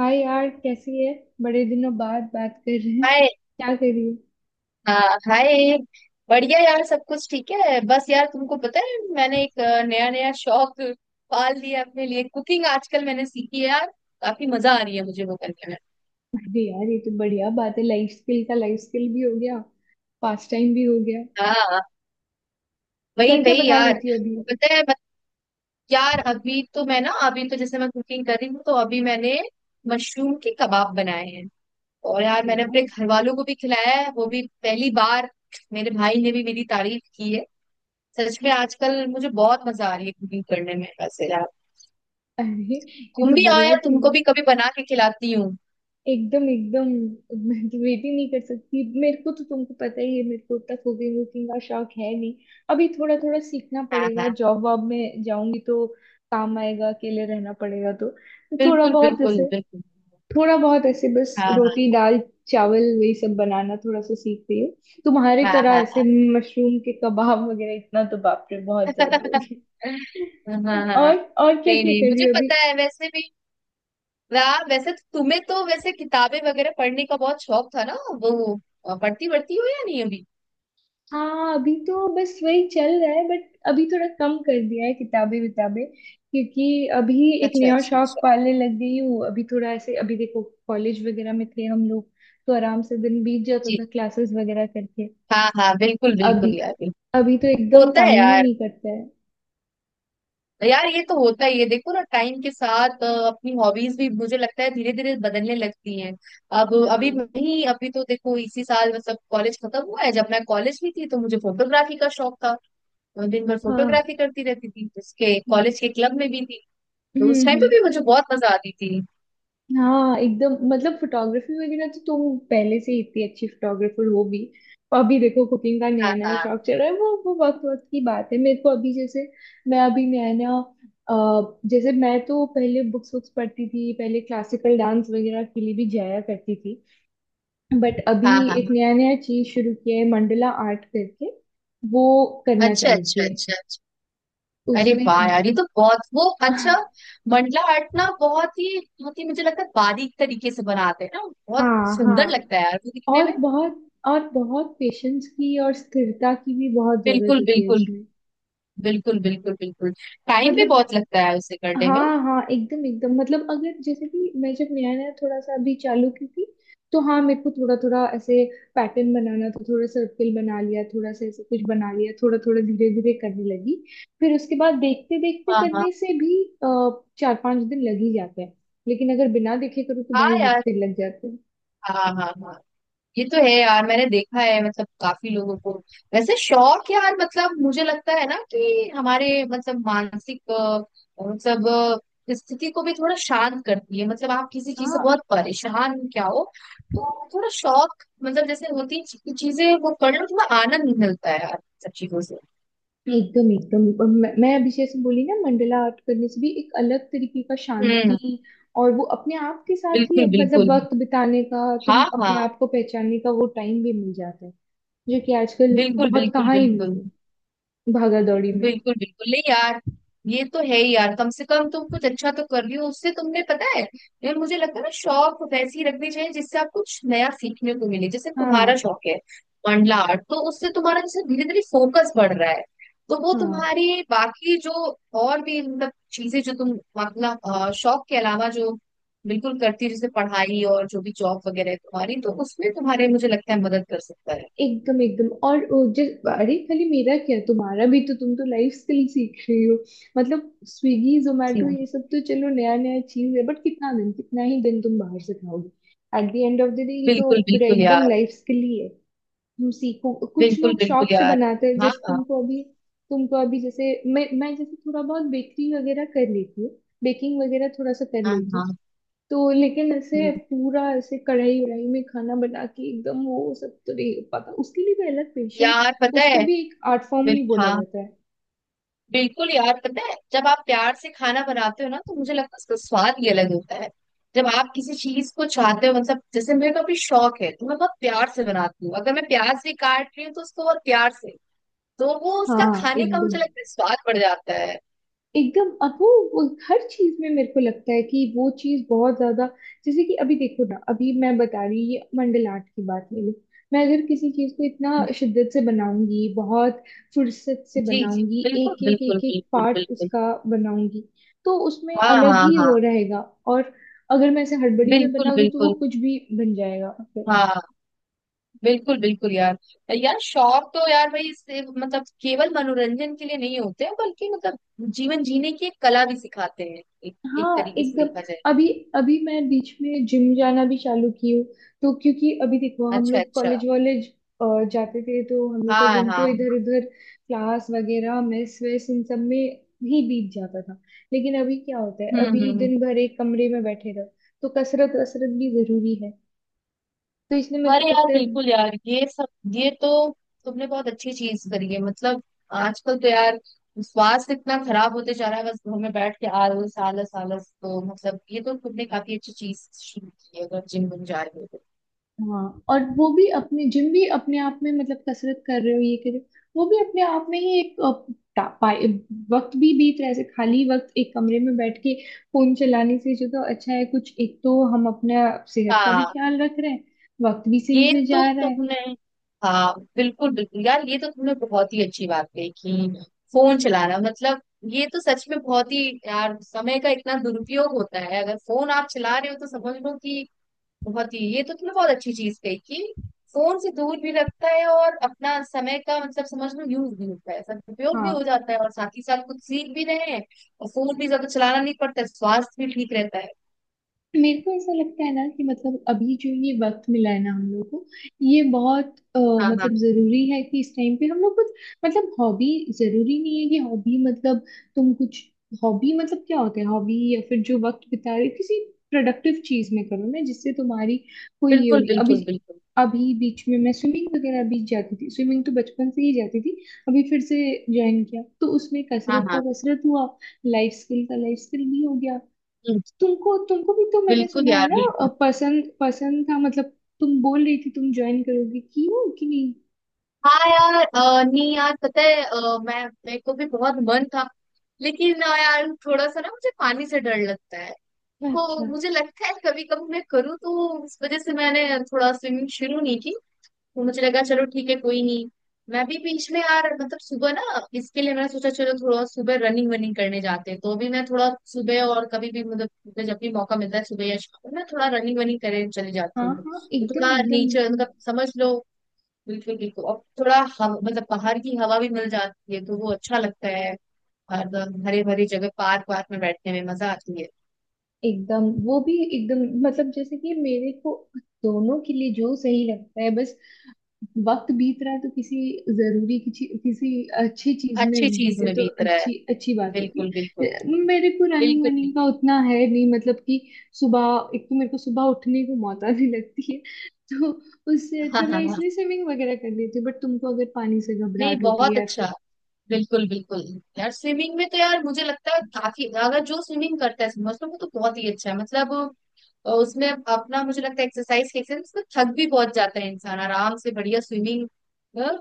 हाय यार, कैसी है। बड़े दिनों बाद बात कर रहे हैं। हाय। क्या कर रही हो। हाँ, हाय। बढ़िया यार, सब कुछ ठीक है। बस यार तुमको पता है मैंने एक नया नया शौक पाल लिया अपने लिए। कुकिंग आजकल मैंने सीखी है यार। काफी मजा आ रही है मुझे वो करने में। अरे यार, ये तो बढ़िया बात है। लाइफ स्किल का लाइफ स्किल भी हो गया, पास टाइम भी हो गया। हाँ, क्या वही क्या वही बना यार। लेती हो अभी। पता है मत, यार अभी तो मैं ना, अभी तो जैसे मैं कुकिंग कर रही हूँ तो अभी मैंने मशरूम के कबाब बनाए हैं। और यार अरे मैंने अपने वाह। घर वालों को भी खिलाया है, वो भी पहली बार। मेरे भाई ने भी मेरी तारीफ की है। सच में आजकल मुझे बहुत मजा आ रही है कुकिंग करने में वैसे यार। अरे, ये तुम तो भी आओ बढ़िया यार, चीज है। तुमको भी कभी बना के खिलाती हूँ। एकदम एकदम। मैं तो वेट ही नहीं कर सकती। मेरे को तो तुमको पता ही है, मेरे को उतना कुकिंग वुकिंग का शौक है नहीं। अभी थोड़ा थोड़ा सीखना हाँ पड़ेगा, हाँ। जॉब वॉब में जाऊंगी तो काम आएगा। अकेले रहना पड़ेगा तो थोड़ा बिल्कुल बहुत, बिल्कुल जैसे बिल्कुल। थोड़ा बहुत ऐसे बस हाँ रोटी दाल चावल वही सब बनाना थोड़ा सा सीख रही हूँ, तुम्हारी हाँ तरह हाँ ऐसे हाँ। मशरूम के कबाब वगैरह इतना तो बाप रे बहुत ज्यादा हो गया। हाँ हाँ हाँ हाँ। और और क्या नहीं क्या नहीं, कर रही मुझे हो अभी। पता है वैसे भी। वाह, वैसे तो तुम्हें तो वैसे किताबें वगैरह पढ़ने का बहुत शौक था ना वो। पढ़ती पढ़ती हो या नहीं अभी? हाँ, अभी तो बस वही चल रहा है, बट अभी थोड़ा कम कर दिया है किताबें विताबें, क्योंकि अभी एक अच्छा नया अच्छा शौक अच्छा। पालने लग गई हूँ। अभी थोड़ा ऐसे, अभी देखो कॉलेज वगैरह में थे हम लोग तो आराम से दिन बीत जाता जी था क्लासेस वगैरह करके। हाँ हाँ, बिल्कुल अभी बिल्कुल यार। अभी तो बिल्कुल एकदम होता है टाइम ही यार। नहीं करता है। यार ये तो होता ही है, देखो ना, टाइम के साथ अपनी हॉबीज भी मुझे लगता है धीरे धीरे बदलने लगती हैं। अब अभी हाँ नहीं, अभी तो देखो इसी साल मतलब कॉलेज खत्म हुआ है। जब मैं कॉलेज में थी तो मुझे फोटोग्राफी का शौक था। मैं दिन भर हाँ। फोटोग्राफी करती रहती थी, उसके कॉलेज के क्लब में भी थी। तो हम्म उस टाइम पे हम्म, भी मुझे बहुत मजा आती थी। हाँ एकदम, मतलब फोटोग्राफी वगैरह तो तुम पहले से ही इतनी अच्छी फोटोग्राफर हो भी। और अभी देखो कुकिंग का हाँ नया नया हाँ शौक चल रहा है। वो वक्त वक्त की बात है, मेरे को अभी जैसे मैं अभी नया नया जैसे मैं तो पहले बुक्स बुक्स पढ़ती थी, पहले क्लासिकल डांस वगैरह के लिए भी जाया करती थी। बट अभी हाँ हाँ एक हाँ। नया नया चीज शुरू किया है मंडला आर्ट करके। वो करना अच्छा चालू अच्छा किया है अच्छा अच्छा। अरे उसमें। वाह यार, ये तो बहुत वो अच्छा। मंडला आर्ट ना बहुत ही मुझे लगता है बारीक तरीके से बनाते हैं ना। बहुत हाँ हाँ। सुंदर लगता है यार वो दिखने और में। बहुत, और बहुत पेशेंस की और स्थिरता की भी बहुत जरूरत बिल्कुल होती है बिल्कुल। इसमें। बिल्कुल बिल्कुल बिल्कुल। टाइम भी मतलब बहुत लगता है उसे करने में। हाँ हाँ एकदम एकदम। मतलब अगर जैसे कि मैं जब नया नया थोड़ा सा अभी चालू की थी, तो हाँ, मेरे को थोड़ा थोड़ा ऐसे पैटर्न बनाना था। थोड़ा सर्कल बना लिया, थोड़ा सा ऐसे कुछ बना लिया, थोड़ा थोड़ा धीरे धीरे करने लगी। फिर उसके बाद देखते देखते हाँ हाँ करने से भी चार पांच दिन लग ही जाते हैं। लेकिन अगर बिना देखे करो तो हाँ भाई यार। हफ्ते लग जाते हैं। हाँ हाँ हाँ। ये तो है यार, मैंने देखा है मतलब काफी लोगों को। वैसे शौक यार, मतलब मुझे लगता है ना कि हमारे मतलब मानसिक मतलब स्थिति को भी थोड़ा शांत करती है। मतलब आप किसी चीज से हाँ बहुत परेशान क्या हो, तो थोड़ा शौक मतलब जैसे होती है चीजें वो कर लो, थोड़ा आनंद मिलता है यार सब चीजों से। एकदम एकदम, और मैं अभी जैसे बोली ना, मंडला आर्ट करने से भी एक अलग तरीके का शांति, हम्म और वो अपने आप के साथ ही बिल्कुल बिल्कुल। मतलब वक्त बिताने का, हाँ तुम अपने हाँ। आप को पहचानने का, वो टाइम भी मिल जाता है, जो कि आजकल बिल्कुल बहुत बिल्कुल कहाँ ही बिल्कुल। मिलता है भागा दौड़ी में। बिल्कुल बिल्कुल नहीं यार। ये तो है ही यार, कम से कम तुम कुछ अच्छा तो कर रही हो उससे। तुमने पता है यार, मुझे लगता है ना शौक वैसे ही रखने चाहिए जिससे आप कुछ नया सीखने को मिले। जैसे तुम्हारा हाँ शौक है मंडला आर्ट, तो उससे तुम्हारा जैसे धीरे धीरे फोकस बढ़ रहा है। तो वो हाँ तुम्हारी बाकी जो और भी मतलब चीजें जो तुम मतलब शौक के अलावा जो बिल्कुल करती है जैसे पढ़ाई और जो भी जॉब वगैरह है तुम्हारी, तो उसमें तुम्हारे मुझे लगता है मदद कर सकता है। एकदम एकदम। और वो जिस, अरे खाली मेरा क्या, तुम्हारा भी तो, तुम तो लाइफ स्किल सीख रही हो। मतलब स्विगी जी जोमेटो हाँ। ये सब तो चलो नया नया चीज है, बट कितना दिन, कितना ही दिन तुम बाहर से खाओगे। At the end of the day ये तो बिल्कुल पूरा बिल्कुल एकदम यार। लाइफ स्किल ही है। तुम सीखो, कुछ बिल्कुल लोग बिल्कुल शौक से यार। बनाते हैं। हाँ जैसे हाँ तुमको अभी, तुमको अभी जैसे, मैं जैसे थोड़ा बहुत बेकरी वगैरह कर लेती हूँ, बेकिंग वगैरह थोड़ा सा कर हाँ लेती हाँ। हूँ। तो लेकिन ऐसे हम्म। पूरा ऐसे कढ़ाई वढ़ाई में खाना बना के एकदम वो सब तो नहीं हो पाता। उसके लिए भी अलग पेशेंस। यार पता उसको है। भी एक आर्ट फॉर्म ही बोला हाँ, जाता है। बिल्कुल यार पता है, जब आप प्यार से खाना बनाते हो ना तो मुझे लगता है उसका स्वाद ही अलग होता है। जब आप किसी चीज को चाहते हो, मतलब जैसे मेरे को अभी शौक है तो मैं बहुत प्यार से बनाती हूँ। अगर मैं प्याज भी काट रही हूँ तो उसको बहुत प्यार से, तो वो उसका हाँ खाने का एकदम मुझे लगता है स्वाद बढ़ जाता है। एकदम। अब वो हर चीज में मेरे को लगता है कि वो चीज बहुत ज्यादा, जैसे कि अभी देखो ना, अभी मैं बता रही, ये मंडल आर्ट की बात ले लो। मैं अगर किसी चीज को इतना हम्म, शिद्दत से बनाऊंगी, बहुत फुर्सत से जी जी। बनाऊंगी, बिल्कुल एक एक बिल्कुल एक एक बिल्कुल पार्ट बिल्कुल। उसका बनाऊंगी, तो उसमें हाँ अलग हाँ ही हाँ। हो रहेगा। और अगर मैं इसे हड़बड़ी में बिल्कुल बना दूं तो वो बिल्कुल। कुछ भी बन जाएगा। हाँ बिल्कुल। बिल्कुल यार। यार शौक तो यार भाई इससे मतलब केवल मनोरंजन के लिए नहीं होते हैं, बल्कि मतलब जीवन जीने की एक कला भी सिखाते हैं एक, एक हाँ तरीके से एकदम। देखा जाए तो। अभी अभी मैं बीच में जिम जाना भी चालू की हूँ, तो क्योंकि अभी देखो, हम अच्छा लोग अच्छा। कॉलेज वॉलेज जाते थे तो हम लोग का हाँ दिन तो हाँ। इधर उधर क्लास वगैरह मेस वेस इन सब में ही बीत जाता था। लेकिन अभी क्या होता है, हम्म हम्म अभी हम्म। दिन भर एक कमरे में बैठे रहो, तो कसरत वसरत भी जरूरी है। तो इसलिए मेरे को अरे यार, लगता है बिल्कुल यार ये सब, ये तो तुमने बहुत अच्छी चीज करी है मतलब। आजकल तो यार स्वास्थ्य इतना खराब होते जा रहा है, बस घर में बैठ के आलस आलस आलस, तो मतलब ये तो तुमने काफी अच्छी चीज शुरू की है अगर जिम बन जा रहे हो तो। हाँ। और वो भी, अपने जिम भी अपने आप में मतलब कसरत कर रहे हो, ये कर रहे हो, वो भी अपने आप में ही एक टा- पाए- वक्त भी बीत रहा है। ऐसे खाली वक्त एक कमरे में बैठ के फोन चलाने से जो, तो अच्छा है। कुछ एक तो हम अपना सेहत का भी हाँ। ख्याल रख रहे हैं, वक्त भी सही ये से तो जा रहा है। तुमने, हाँ बिल्कुल बिल्कुल यार, ये तो तुमने बहुत ही अच्छी बात कही कि फोन चलाना मतलब, ये तो सच में बहुत ही यार समय का इतना दुरुपयोग होता है अगर फोन आप चला रहे हो तो। समझ लो कि बहुत ही, ये तो तुमने बहुत अच्छी चीज कही कि फोन से दूर भी रखता है और अपना समय का मतलब समझ लो यूज भी होता है, सदुपयोग भी हो हाँ, जाता है और साथ ही साथ कुछ सीख भी रहे हैं और फोन भी ज्यादा चलाना नहीं पड़ता है, स्वास्थ्य भी ठीक रहता है। मेरे को ऐसा लगता है ना कि मतलब अभी जो ये वक्त मिला है ना हम लोग को, ये बहुत हाँ हाँ। मतलब जरूरी है कि इस टाइम पे हम लोग कुछ मतलब हॉबी, जरूरी नहीं है कि हॉबी मतलब तुम कुछ, हॉबी मतलब क्या होता है हॉबी, या फिर जो वक्त बिता रहे हो, किसी प्रोडक्टिव चीज में करो ना, जिससे तुम्हारी कोई ये बिल्कुल होगी। अभी बिल्कुल बिल्कुल। अभी बीच में मैं स्विमिंग वगैरह भी जाती थी, स्विमिंग तो बचपन से ही जाती थी। अभी फिर से ज्वाइन किया तो उसमें हाँ कसरत का हाँ। कसरत हुआ, लाइफ स्किल का लाइफ स्किल भी हो गया। हम्म, तुमको तुमको भी तो मैंने बिल्कुल सुना है यार, ना बिल्कुल। पसंद पसंद था, मतलब तुम बोल रही थी तुम ज्वाइन करोगी की हो कि नहीं। हाँ यार, नहीं यार पता है, मैं मेरे को भी बहुत मन था। लेकिन ना यार थोड़ा सा ना मुझे पानी से डर लगता है। तो अच्छा मुझे लगता है कभी कभी मैं करूँ तो, इस वजह से मैंने थोड़ा स्विमिंग शुरू नहीं की। तो मुझे लगा चलो ठीक है, कोई नहीं। मैं भी बीच में यार मतलब सुबह ना, इसके लिए मैंने सोचा चलो थोड़ा सुबह रनिंग वनिंग करने जाते हैं, तो भी मैं थोड़ा सुबह और कभी भी मतलब मुझे जब भी मौका मिलता है सुबह या शाम को मैं थोड़ा रनिंग वनिंग करने चली हाँ जाती हूँ, हाँ तो एकदम थोड़ा एकदम। नेचर मतलब समझ लो। बिल्कुल बिल्कुल। और थोड़ा हवा मतलब बाहर की हवा भी मिल जाती है तो वो अच्छा लगता है। और हरे भरे जगह पार्क वार्क में बैठने में मजा आती है। एकदम वो भी एकदम, मतलब जैसे कि मेरे को दोनों के लिए जो सही लगता है, बस वक्त बीत रहा है तो किसी जरूरी, किसी किसी अच्छी चीज अच्छी में चीज बीते में तो बीत रहा है। अच्छी अच्छी बात होती बिल्कुल बिल्कुल। है। मेरे को रनिंग बिल्कुल वनिंग बिल्कुल। का उतना है नहीं, मतलब कि सुबह, एक तो मेरे को सुबह उठने को मौत आने लगती है, तो उससे हाँ अच्छा हाँ मैं हाँ। इसलिए स्विमिंग वगैरह कर लेती हूँ। बट तुमको अगर पानी से नहीं, घबराहट होती बहुत है या अच्छा। फिर बिल्कुल बिल्कुल। यार स्विमिंग में तो यार मुझे लगता है काफी, अगर जो स्विमिंग करता है समझ लो वो तो बहुत ही अच्छा है मतलब। उसमें अपना मुझे लगता है एक्सरसाइज के एक्सरसाइज उसमें थक भी बहुत जाता है इंसान, आराम से बढ़िया स्विमिंग।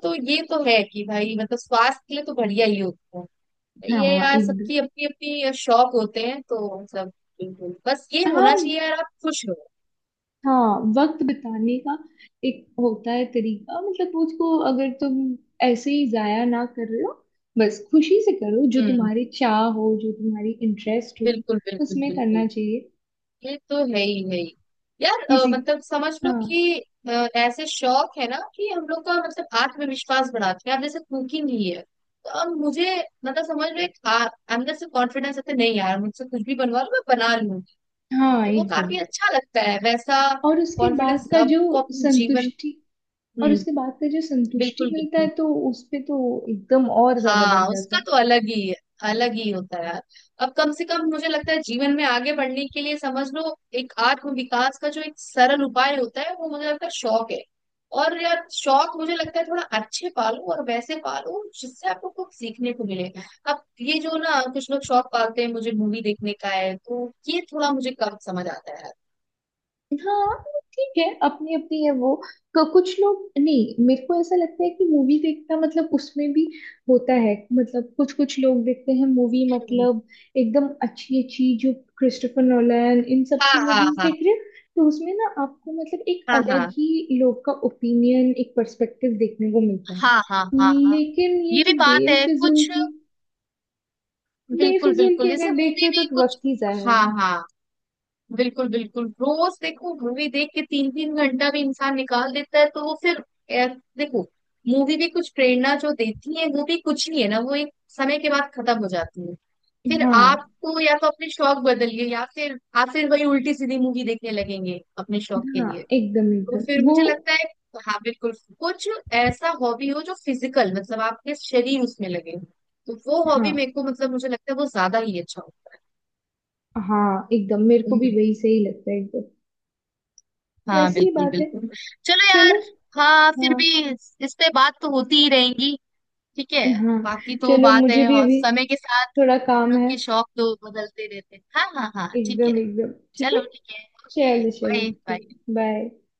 तो ये तो है कि भाई मतलब स्वास्थ्य के लिए तो बढ़िया ही होता है। ये हाँ यार एक सबकी अपनी अपनी शौक होते हैं तो मतलब बिल्कुल, बस ये होना हाँ चाहिए यार आप खुश रहो। हाँ, वक्त बिताने का एक होता है तरीका, मतलब उसको अगर तुम ऐसे ही जाया ना कर रहे हो, बस खुशी से करो जो हम्म तुम्हारी चाह हो, जो तुम्हारी इंटरेस्ट हो बिल्कुल बिल्कुल उसमें बिल्कुल। करना चाहिए। ये तो है ही, है ही। यार किसी मतलब समझ लो हाँ कि अ, ऐसे शौक है ना कि हम लोग का मतलब आत्मविश्वास बढ़ाते हैं। अब जैसे कुकिंग ही है तो अब मुझे मतलब समझ लो अंदर से कॉन्फिडेंस आता है, तो नहीं यार मुझसे कुछ भी बनवा लो मैं बना लूंगी। हाँ तो वो एकदम। काफी अच्छा लगता है वैसा। और उसके बाद कॉन्फिडेंस का जो आपको अपने जीवन। संतुष्टि, और हम्म उसके बाद का जो संतुष्टि बिल्कुल मिलता है, बिल्कुल। तो उस पे तो एकदम और ज्यादा बढ़ हाँ, जाता उसका है। तो अलग ही है, अलग ही होता है यार। अब कम से कम मुझे लगता है जीवन में आगे बढ़ने के लिए समझ लो एक आत्म विकास का जो एक सरल उपाय होता है वो मुझे लगता है शौक है। और यार शौक मुझे लगता है थोड़ा अच्छे पालो और वैसे पालो जिससे आपको कुछ सीखने को मिले। अब ये जो ना कुछ लोग शौक पालते हैं मुझे मूवी देखने का है, तो ये थोड़ा मुझे कम समझ आता है यार। हाँ ठीक है, अपनी अपनी है वो। क- कुछ लोग नहीं, मेरे को ऐसा लगता है कि मूवी देखना मतलब उसमें भी होता है मतलब, कुछ कुछ लोग देखते हैं मूवी हम्म। मतलब एकदम अच्छी अच्छी जो क्रिस्टोफर नोलन इन सब हाँ की मूवीज हाँ देख रहे हो, तो उसमें ना आपको मतलब एक हाँ हाँ। अलग हाँ ही लोग का ओपिनियन, एक पर्सपेक्टिव देखने को मिलता है। हाँ हाँ हाँ हाँ। लेकिन ये ये भी जो बात है बेफिजुल कुछ। की, बिल्कुल बेफिजुल बिल्कुल, की जैसे अगर देख मूवी रहे हो भी तो कुछ। वक्त ही जाया है। हाँ हाँ। बिल्कुल बिल्कुल, रोज देखो मूवी देख के तीन तीन घंटा भी इंसान निकाल देता है, तो वो फिर ए, देखो मूवी भी कुछ प्रेरणा जो देती है वो भी कुछ नहीं है ना, वो एक समय के बाद खत्म हो जाती है। फिर हाँ आपको या तो अपने शौक बदलिए या फिर आप फिर वही उल्टी सीधी मूवी देखने लगेंगे अपने शौक के हाँ लिए। एकदम तो फिर एकदम वो। मुझे लगता है, हाँ बिल्कुल, कुछ ऐसा हॉबी हो जो फिजिकल मतलब आपके शरीर उसमें लगे, तो वो हाँ हॉबी मेरे को मतलब मुझे लगता है वो ज्यादा ही अच्छा हो। हाँ एकदम, मेरे को भी हम्म, वही सही लगता है एकदम, हाँ वैसी ही बिल्कुल बात है। बिल्कुल। चलो चलो यार। हाँ फिर हाँ भी, इस पे बात तो होती ही रहेंगी। ठीक है, हाँ। बाकी तो चलो, बात है मुझे भी और अभी समय के साथ थोड़ा हम काम लोग है। के शौक तो बदलते रहते हैं। हाँ हाँ हाँ ठीक है। एकदम एकदम ठीक है। चलो ठीक है, ओके, चलो चलो बाय ठीक। बाय। बाय।